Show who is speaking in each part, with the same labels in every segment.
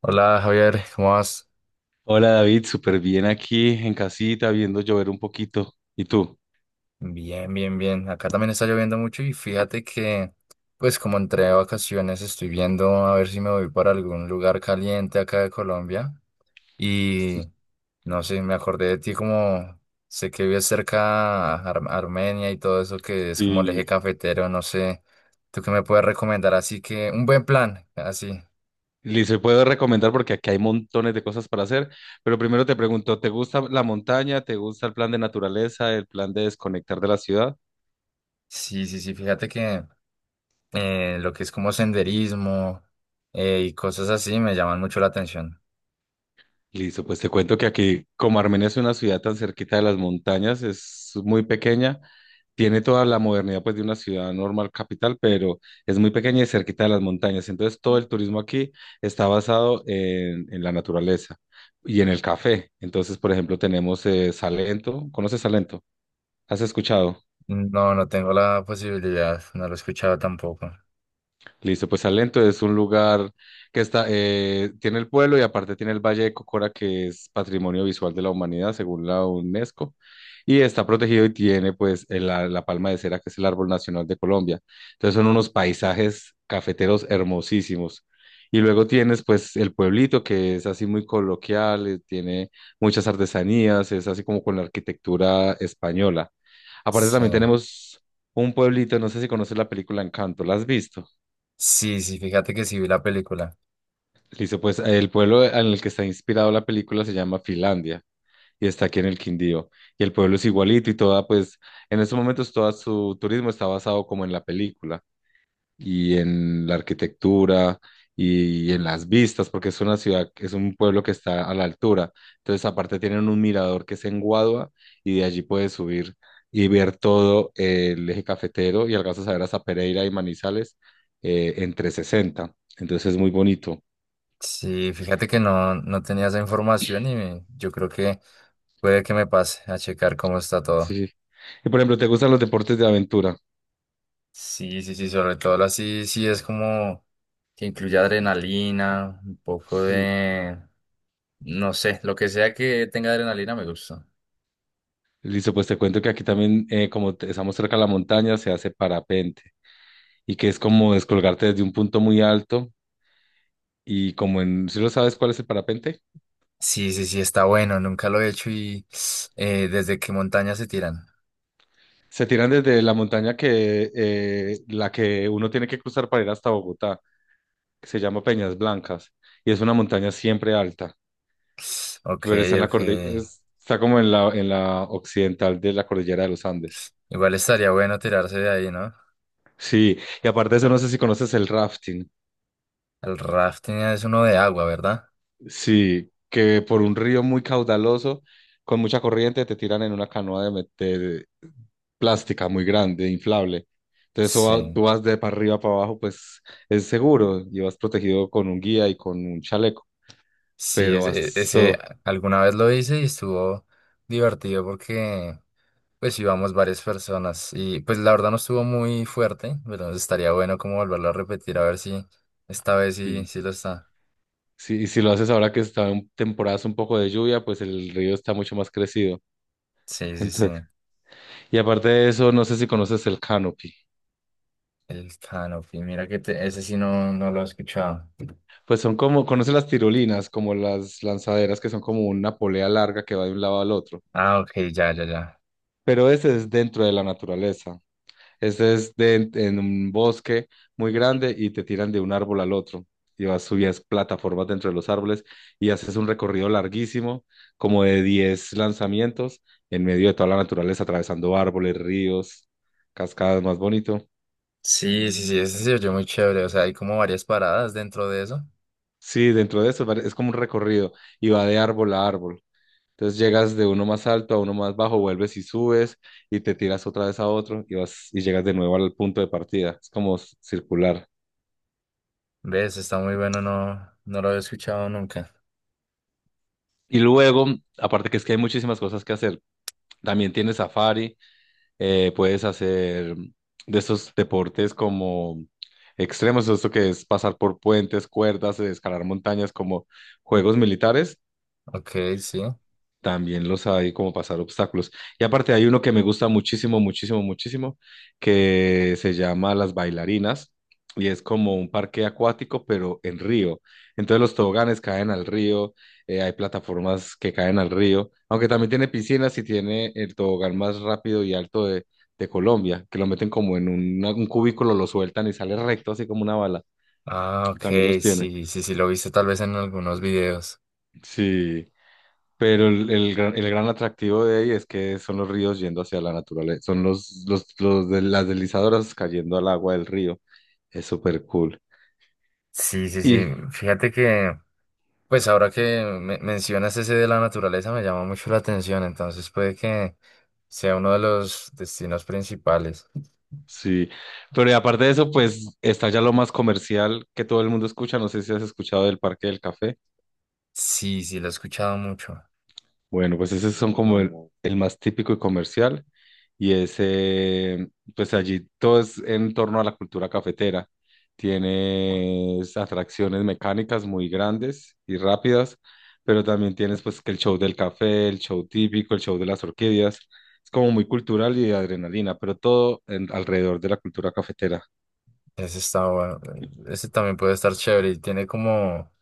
Speaker 1: Hola Javier, ¿cómo vas?
Speaker 2: Hola David, súper bien aquí en casita, viendo llover un poquito. ¿Y tú?
Speaker 1: Bien, bien, bien. Acá también está lloviendo mucho y fíjate que, pues como entré de vacaciones, estoy viendo a ver si me voy para algún lugar caliente acá de Colombia.
Speaker 2: Sí.
Speaker 1: Y no sé, me acordé de ti como sé que vives cerca a Armenia y todo eso que es como el eje
Speaker 2: Sí.
Speaker 1: cafetero, no sé. ¿Tú qué me puedes recomendar? Así que un buen plan, así.
Speaker 2: Y se puedo recomendar porque aquí hay montones de cosas para hacer, pero primero te pregunto, ¿te gusta la montaña? ¿Te gusta el plan de naturaleza? ¿El plan de desconectar de la ciudad?
Speaker 1: Sí, sí, sí, fíjate que lo que es como senderismo y cosas así me llaman mucho la atención.
Speaker 2: Listo, pues te cuento que aquí, como Armenia es una ciudad tan cerquita de las montañas, es muy pequeña, tiene toda la modernidad pues de una ciudad normal capital, pero es muy pequeña y cerquita de las montañas. Entonces todo el turismo aquí está basado en la naturaleza y en el café. Entonces, por ejemplo, tenemos Salento. ¿Conoces Salento? ¿Has escuchado?
Speaker 1: No, no tengo la posibilidad, no lo he escuchado tampoco.
Speaker 2: Listo, pues Salento es un lugar que está, tiene el pueblo y aparte tiene el Valle de Cocora, que es Patrimonio Visual de la Humanidad, según la UNESCO, y está protegido y tiene pues la palma de cera, que es el árbol nacional de Colombia. Entonces son unos paisajes cafeteros hermosísimos. Y luego tienes pues el pueblito, que es así muy coloquial, tiene muchas artesanías, es así como con la arquitectura española. Aparte
Speaker 1: Sí,
Speaker 2: también tenemos un pueblito, no sé si conoces la película Encanto, ¿la has visto?
Speaker 1: sí, sí, fíjate que sí vi la película.
Speaker 2: Listo, pues el pueblo en el que está inspirado la película se llama Finlandia y está aquí en el Quindío. Y el pueblo es igualito y toda, pues en estos momentos todo su turismo está basado como en la película y en la arquitectura y en las vistas, porque es una ciudad, es un pueblo que está a la altura. Entonces aparte tienen un mirador que es en Guadua y de allí puedes subir y ver todo el eje cafetero y alcanzas a ver hasta Pereira y Manizales en 360. Entonces es muy bonito.
Speaker 1: Sí, fíjate que no, no tenía esa información y. Yo creo que puede que me pase a checar cómo está todo.
Speaker 2: Sí. Y por ejemplo, ¿te gustan los deportes de aventura?
Speaker 1: Sí, sí, sí, sobre todo así, sí sí es como que incluye adrenalina, un poco
Speaker 2: Sí.
Speaker 1: de, no sé, lo que sea que tenga adrenalina me gusta.
Speaker 2: Listo, pues te cuento que aquí también, estamos cerca de la montaña, se hace parapente y que es como descolgarte desde un punto muy alto y como en, ¿si lo sabes cuál es el parapente?
Speaker 1: Sí, sí, sí, está bueno, nunca lo he hecho y desde qué montaña se tiran.
Speaker 2: Se tiran desde la montaña que la que uno tiene que cruzar para ir hasta Bogotá, que se llama Peñas Blancas y es una montaña siempre alta,
Speaker 1: Ok,
Speaker 2: pero está en la
Speaker 1: ok.
Speaker 2: cordillera, está como en la occidental de la cordillera de los Andes.
Speaker 1: Igual estaría bueno tirarse de ahí, ¿no?
Speaker 2: Sí, y aparte de eso, no sé si conoces el rafting.
Speaker 1: El rafting es uno de agua, ¿verdad?
Speaker 2: Sí, que por un río muy caudaloso, con mucha corriente, te tiran en una canoa plástica muy grande, inflable. Tú
Speaker 1: Sí,
Speaker 2: vas de para arriba para abajo, pues es seguro y vas protegido con un guía y con un chaleco.
Speaker 1: sí,
Speaker 2: Pero vas
Speaker 1: ese
Speaker 2: so-
Speaker 1: alguna vez lo hice y estuvo divertido porque pues íbamos varias personas y pues la verdad no estuvo muy fuerte, pero estaría bueno como volverlo a repetir a ver si esta vez sí,
Speaker 2: sí.
Speaker 1: sí lo está.
Speaker 2: Sí, y si lo haces ahora que está en temporadas un poco de lluvia, pues el río está mucho más crecido.
Speaker 1: Sí, sí, sí.
Speaker 2: Entonces, y aparte de eso, no sé si conoces el canopy.
Speaker 1: El canopy, mira que. Ese sí no, no lo he escuchado.
Speaker 2: Pues son como, ¿conoces las tirolinas? Como las lanzaderas que son como una polea larga que va de un lado al otro.
Speaker 1: Ah, ok, ya, ya, ya.
Speaker 2: Pero ese es dentro de la naturaleza. En un bosque muy grande y te tiran de un árbol al otro. Y vas, subías plataformas dentro de los árboles y haces un recorrido larguísimo, como de 10 lanzamientos, en medio de toda la naturaleza, atravesando árboles, ríos, cascadas, más bonito.
Speaker 1: Sí, sí, sí, ese se oyó muy chévere, o sea, hay como varias paradas dentro de eso.
Speaker 2: Sí, dentro de eso es como un recorrido y va de árbol a árbol. Entonces llegas de uno más alto a uno más bajo, vuelves y subes y te tiras otra vez a otro y vas y llegas de nuevo al punto de partida. Es como circular.
Speaker 1: ¿Ves? Está muy bueno, no, no lo había escuchado nunca.
Speaker 2: Y luego, aparte que es que hay muchísimas cosas que hacer. También tienes safari, puedes hacer de esos deportes como extremos, esto que es pasar por puentes, cuerdas, escalar montañas, como juegos militares.
Speaker 1: Ok, sí.
Speaker 2: También los hay como pasar obstáculos. Y aparte hay uno que me gusta muchísimo, muchísimo, muchísimo, que se llama Las Bailarinas y es como un parque acuático, pero en río. Entonces los toboganes caen al río, hay plataformas que caen al río, aunque también tiene piscinas y tiene el tobogán más rápido y alto de Colombia, que lo meten como en un cubículo, lo sueltan y sale recto, así como una bala.
Speaker 1: Ah,
Speaker 2: También los
Speaker 1: ok,
Speaker 2: tiene.
Speaker 1: sí, sí, sí, lo viste tal vez en algunos videos.
Speaker 2: Sí. Pero el gran atractivo de ahí es que son los ríos yendo hacia la naturaleza, son los de las deslizadoras cayendo al agua del río. Es súper cool.
Speaker 1: Sí, sí, sí.
Speaker 2: Y
Speaker 1: Fíjate que, pues ahora que mencionas ese de la naturaleza me llama mucho la atención, entonces puede que sea uno de los destinos principales.
Speaker 2: sí, pero y aparte de eso, pues está ya lo más comercial que todo el mundo escucha. No sé si has escuchado del Parque del Café.
Speaker 1: Sí, sí, lo he escuchado mucho.
Speaker 2: Bueno, pues esos son como el más típico y comercial. Y ese, pues allí todo es en torno a la cultura cafetera. Tienes atracciones mecánicas muy grandes y rápidas, pero también tienes pues que el show del café, el show típico, el show de las orquídeas. Es como muy cultural y de adrenalina, pero alrededor de la cultura cafetera.
Speaker 1: Ese está bueno. Ese también puede estar chévere y tiene como,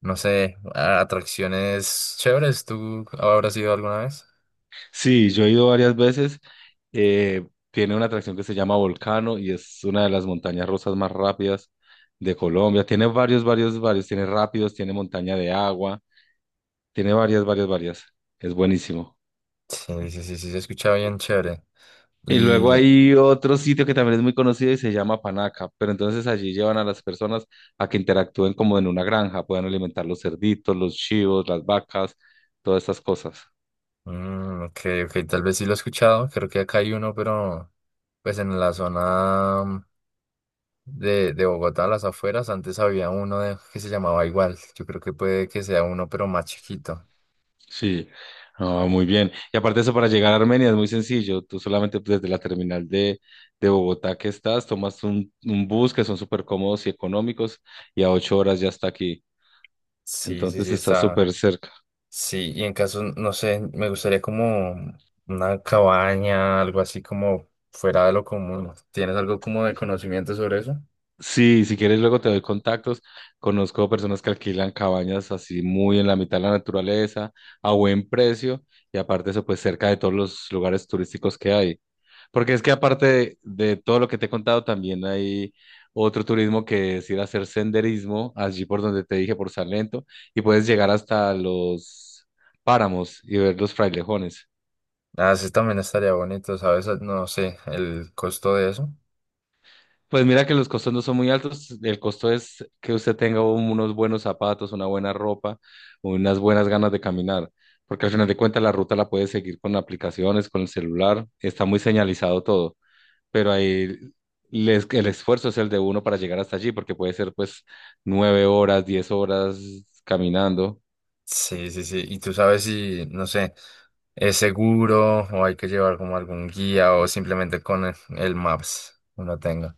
Speaker 1: no sé, atracciones chéveres. ¿Tú habrás ido alguna vez?
Speaker 2: Sí, yo he ido varias veces. Tiene una atracción que se llama Volcano y es una de las montañas rusas más rápidas de Colombia. Tiene varios, varios, varios. Tiene rápidos, tiene montaña de agua, tiene varias, varias, varias. Es buenísimo.
Speaker 1: Sí, sí, sí, sí, se escucha bien chévere.
Speaker 2: Y luego
Speaker 1: Y,
Speaker 2: hay otro sitio que también es muy conocido y se llama Panaca, pero entonces allí llevan a las personas a que interactúen como en una granja, puedan alimentar los cerditos, los chivos, las vacas, todas estas cosas.
Speaker 1: ok, ok, tal vez sí lo he escuchado, creo que acá hay uno, pero pues en la zona de Bogotá, a las afueras, antes había uno que se llamaba igual, yo creo que puede que sea uno, pero más chiquito.
Speaker 2: Sí, ah, muy bien. Y aparte de eso, para llegar a Armenia es muy sencillo. Tú solamente pues, desde la terminal de Bogotá que estás, tomas un bus que son súper cómodos y económicos y a 8 horas ya está aquí.
Speaker 1: Sí, sí,
Speaker 2: Entonces
Speaker 1: sí,
Speaker 2: está
Speaker 1: está.
Speaker 2: súper cerca.
Speaker 1: Sí, y en caso, no sé, me gustaría como una cabaña, algo así como fuera de lo común. ¿Tienes algo como de conocimiento sobre eso?
Speaker 2: Sí, si quieres luego te doy contactos. Conozco personas que alquilan cabañas así muy en la mitad de la naturaleza, a buen precio y aparte de eso, pues cerca de todos los lugares turísticos que hay. Porque es que aparte de todo lo que te he contado, también hay otro turismo que es ir a hacer senderismo, allí por donde te dije, por Salento, y puedes llegar hasta los páramos y ver los frailejones.
Speaker 1: Ah, sí, también estaría bonito, ¿sabes? Ah, no sé, el costo de eso.
Speaker 2: Pues mira que los costos no son muy altos, el costo es que usted tenga unos buenos zapatos, una buena ropa, unas buenas ganas de caminar, porque al final de cuentas la ruta la puedes seguir con aplicaciones, con el celular, está muy señalizado todo. Pero ahí el esfuerzo es el de uno para llegar hasta allí, porque puede ser pues 9 horas, 10 horas caminando.
Speaker 1: Sí, sí, sí. Y tú sabes si, no sé, es seguro o hay que llevar como algún guía o simplemente con el Maps uno tenga.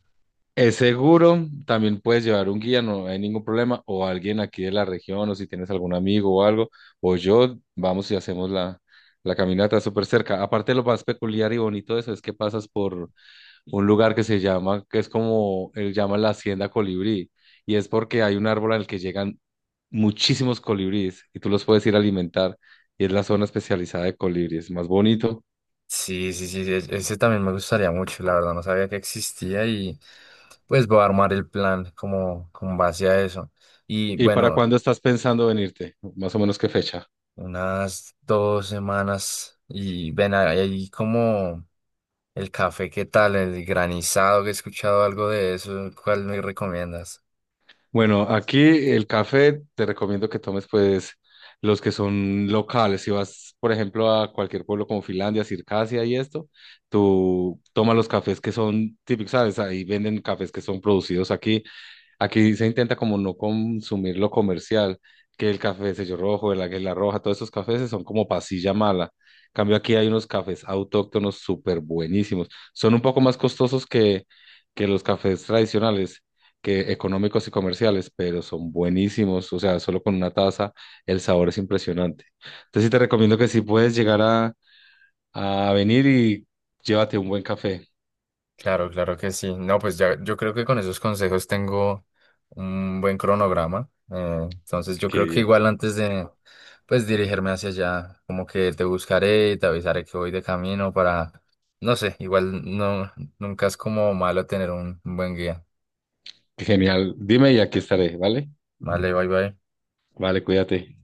Speaker 2: Es seguro, también puedes llevar un guía, no hay ningún problema, o alguien aquí de la región, o si tienes algún amigo o algo, o yo, vamos y hacemos la caminata súper cerca. Aparte, lo más peculiar y bonito de eso es que pasas por un lugar que se llama, que es como él llama la Hacienda Colibrí, y es porque hay un árbol al que llegan muchísimos colibríes y tú los puedes ir a alimentar, y es la zona especializada de colibríes, más bonito.
Speaker 1: Sí, sí, sí, ese también me gustaría mucho, la verdad, no sabía que existía y pues voy a armar el plan como con base a eso. Y
Speaker 2: ¿Y para
Speaker 1: bueno,
Speaker 2: cuándo estás pensando venirte? Más o menos qué fecha.
Speaker 1: unas 2 semanas y ven ahí como… El café, ¿qué tal? El granizado, que he escuchado algo de eso, ¿cuál me recomiendas?
Speaker 2: Bueno, aquí el café te recomiendo que tomes pues los que son locales. Si vas, por ejemplo, a cualquier pueblo como Finlandia, Circasia y esto, tú toma los cafés que son típicos, ¿sabes? Ahí venden cafés que son producidos aquí. Aquí se intenta como no consumir lo comercial, que el café de sello rojo, el águila roja, todos esos cafés son como pasilla mala. Cambio aquí hay unos cafés autóctonos súper buenísimos. Son un poco más costosos que los cafés tradicionales, que económicos y comerciales, pero son buenísimos. O sea, solo con una taza el sabor es impresionante. Entonces sí te recomiendo que si puedes llegar a venir y llévate un buen café.
Speaker 1: Claro, claro que sí. No, pues ya, yo creo que con esos consejos tengo un buen cronograma. Entonces yo
Speaker 2: Qué
Speaker 1: creo que
Speaker 2: bien,
Speaker 1: igual antes de, pues, dirigirme hacia allá, como que te buscaré y te avisaré que voy de camino para, no sé, igual no, nunca es como malo tener un buen guía.
Speaker 2: qué genial. Dime y aquí estaré, ¿vale?
Speaker 1: Vale, bye bye.
Speaker 2: Vale, cuídate.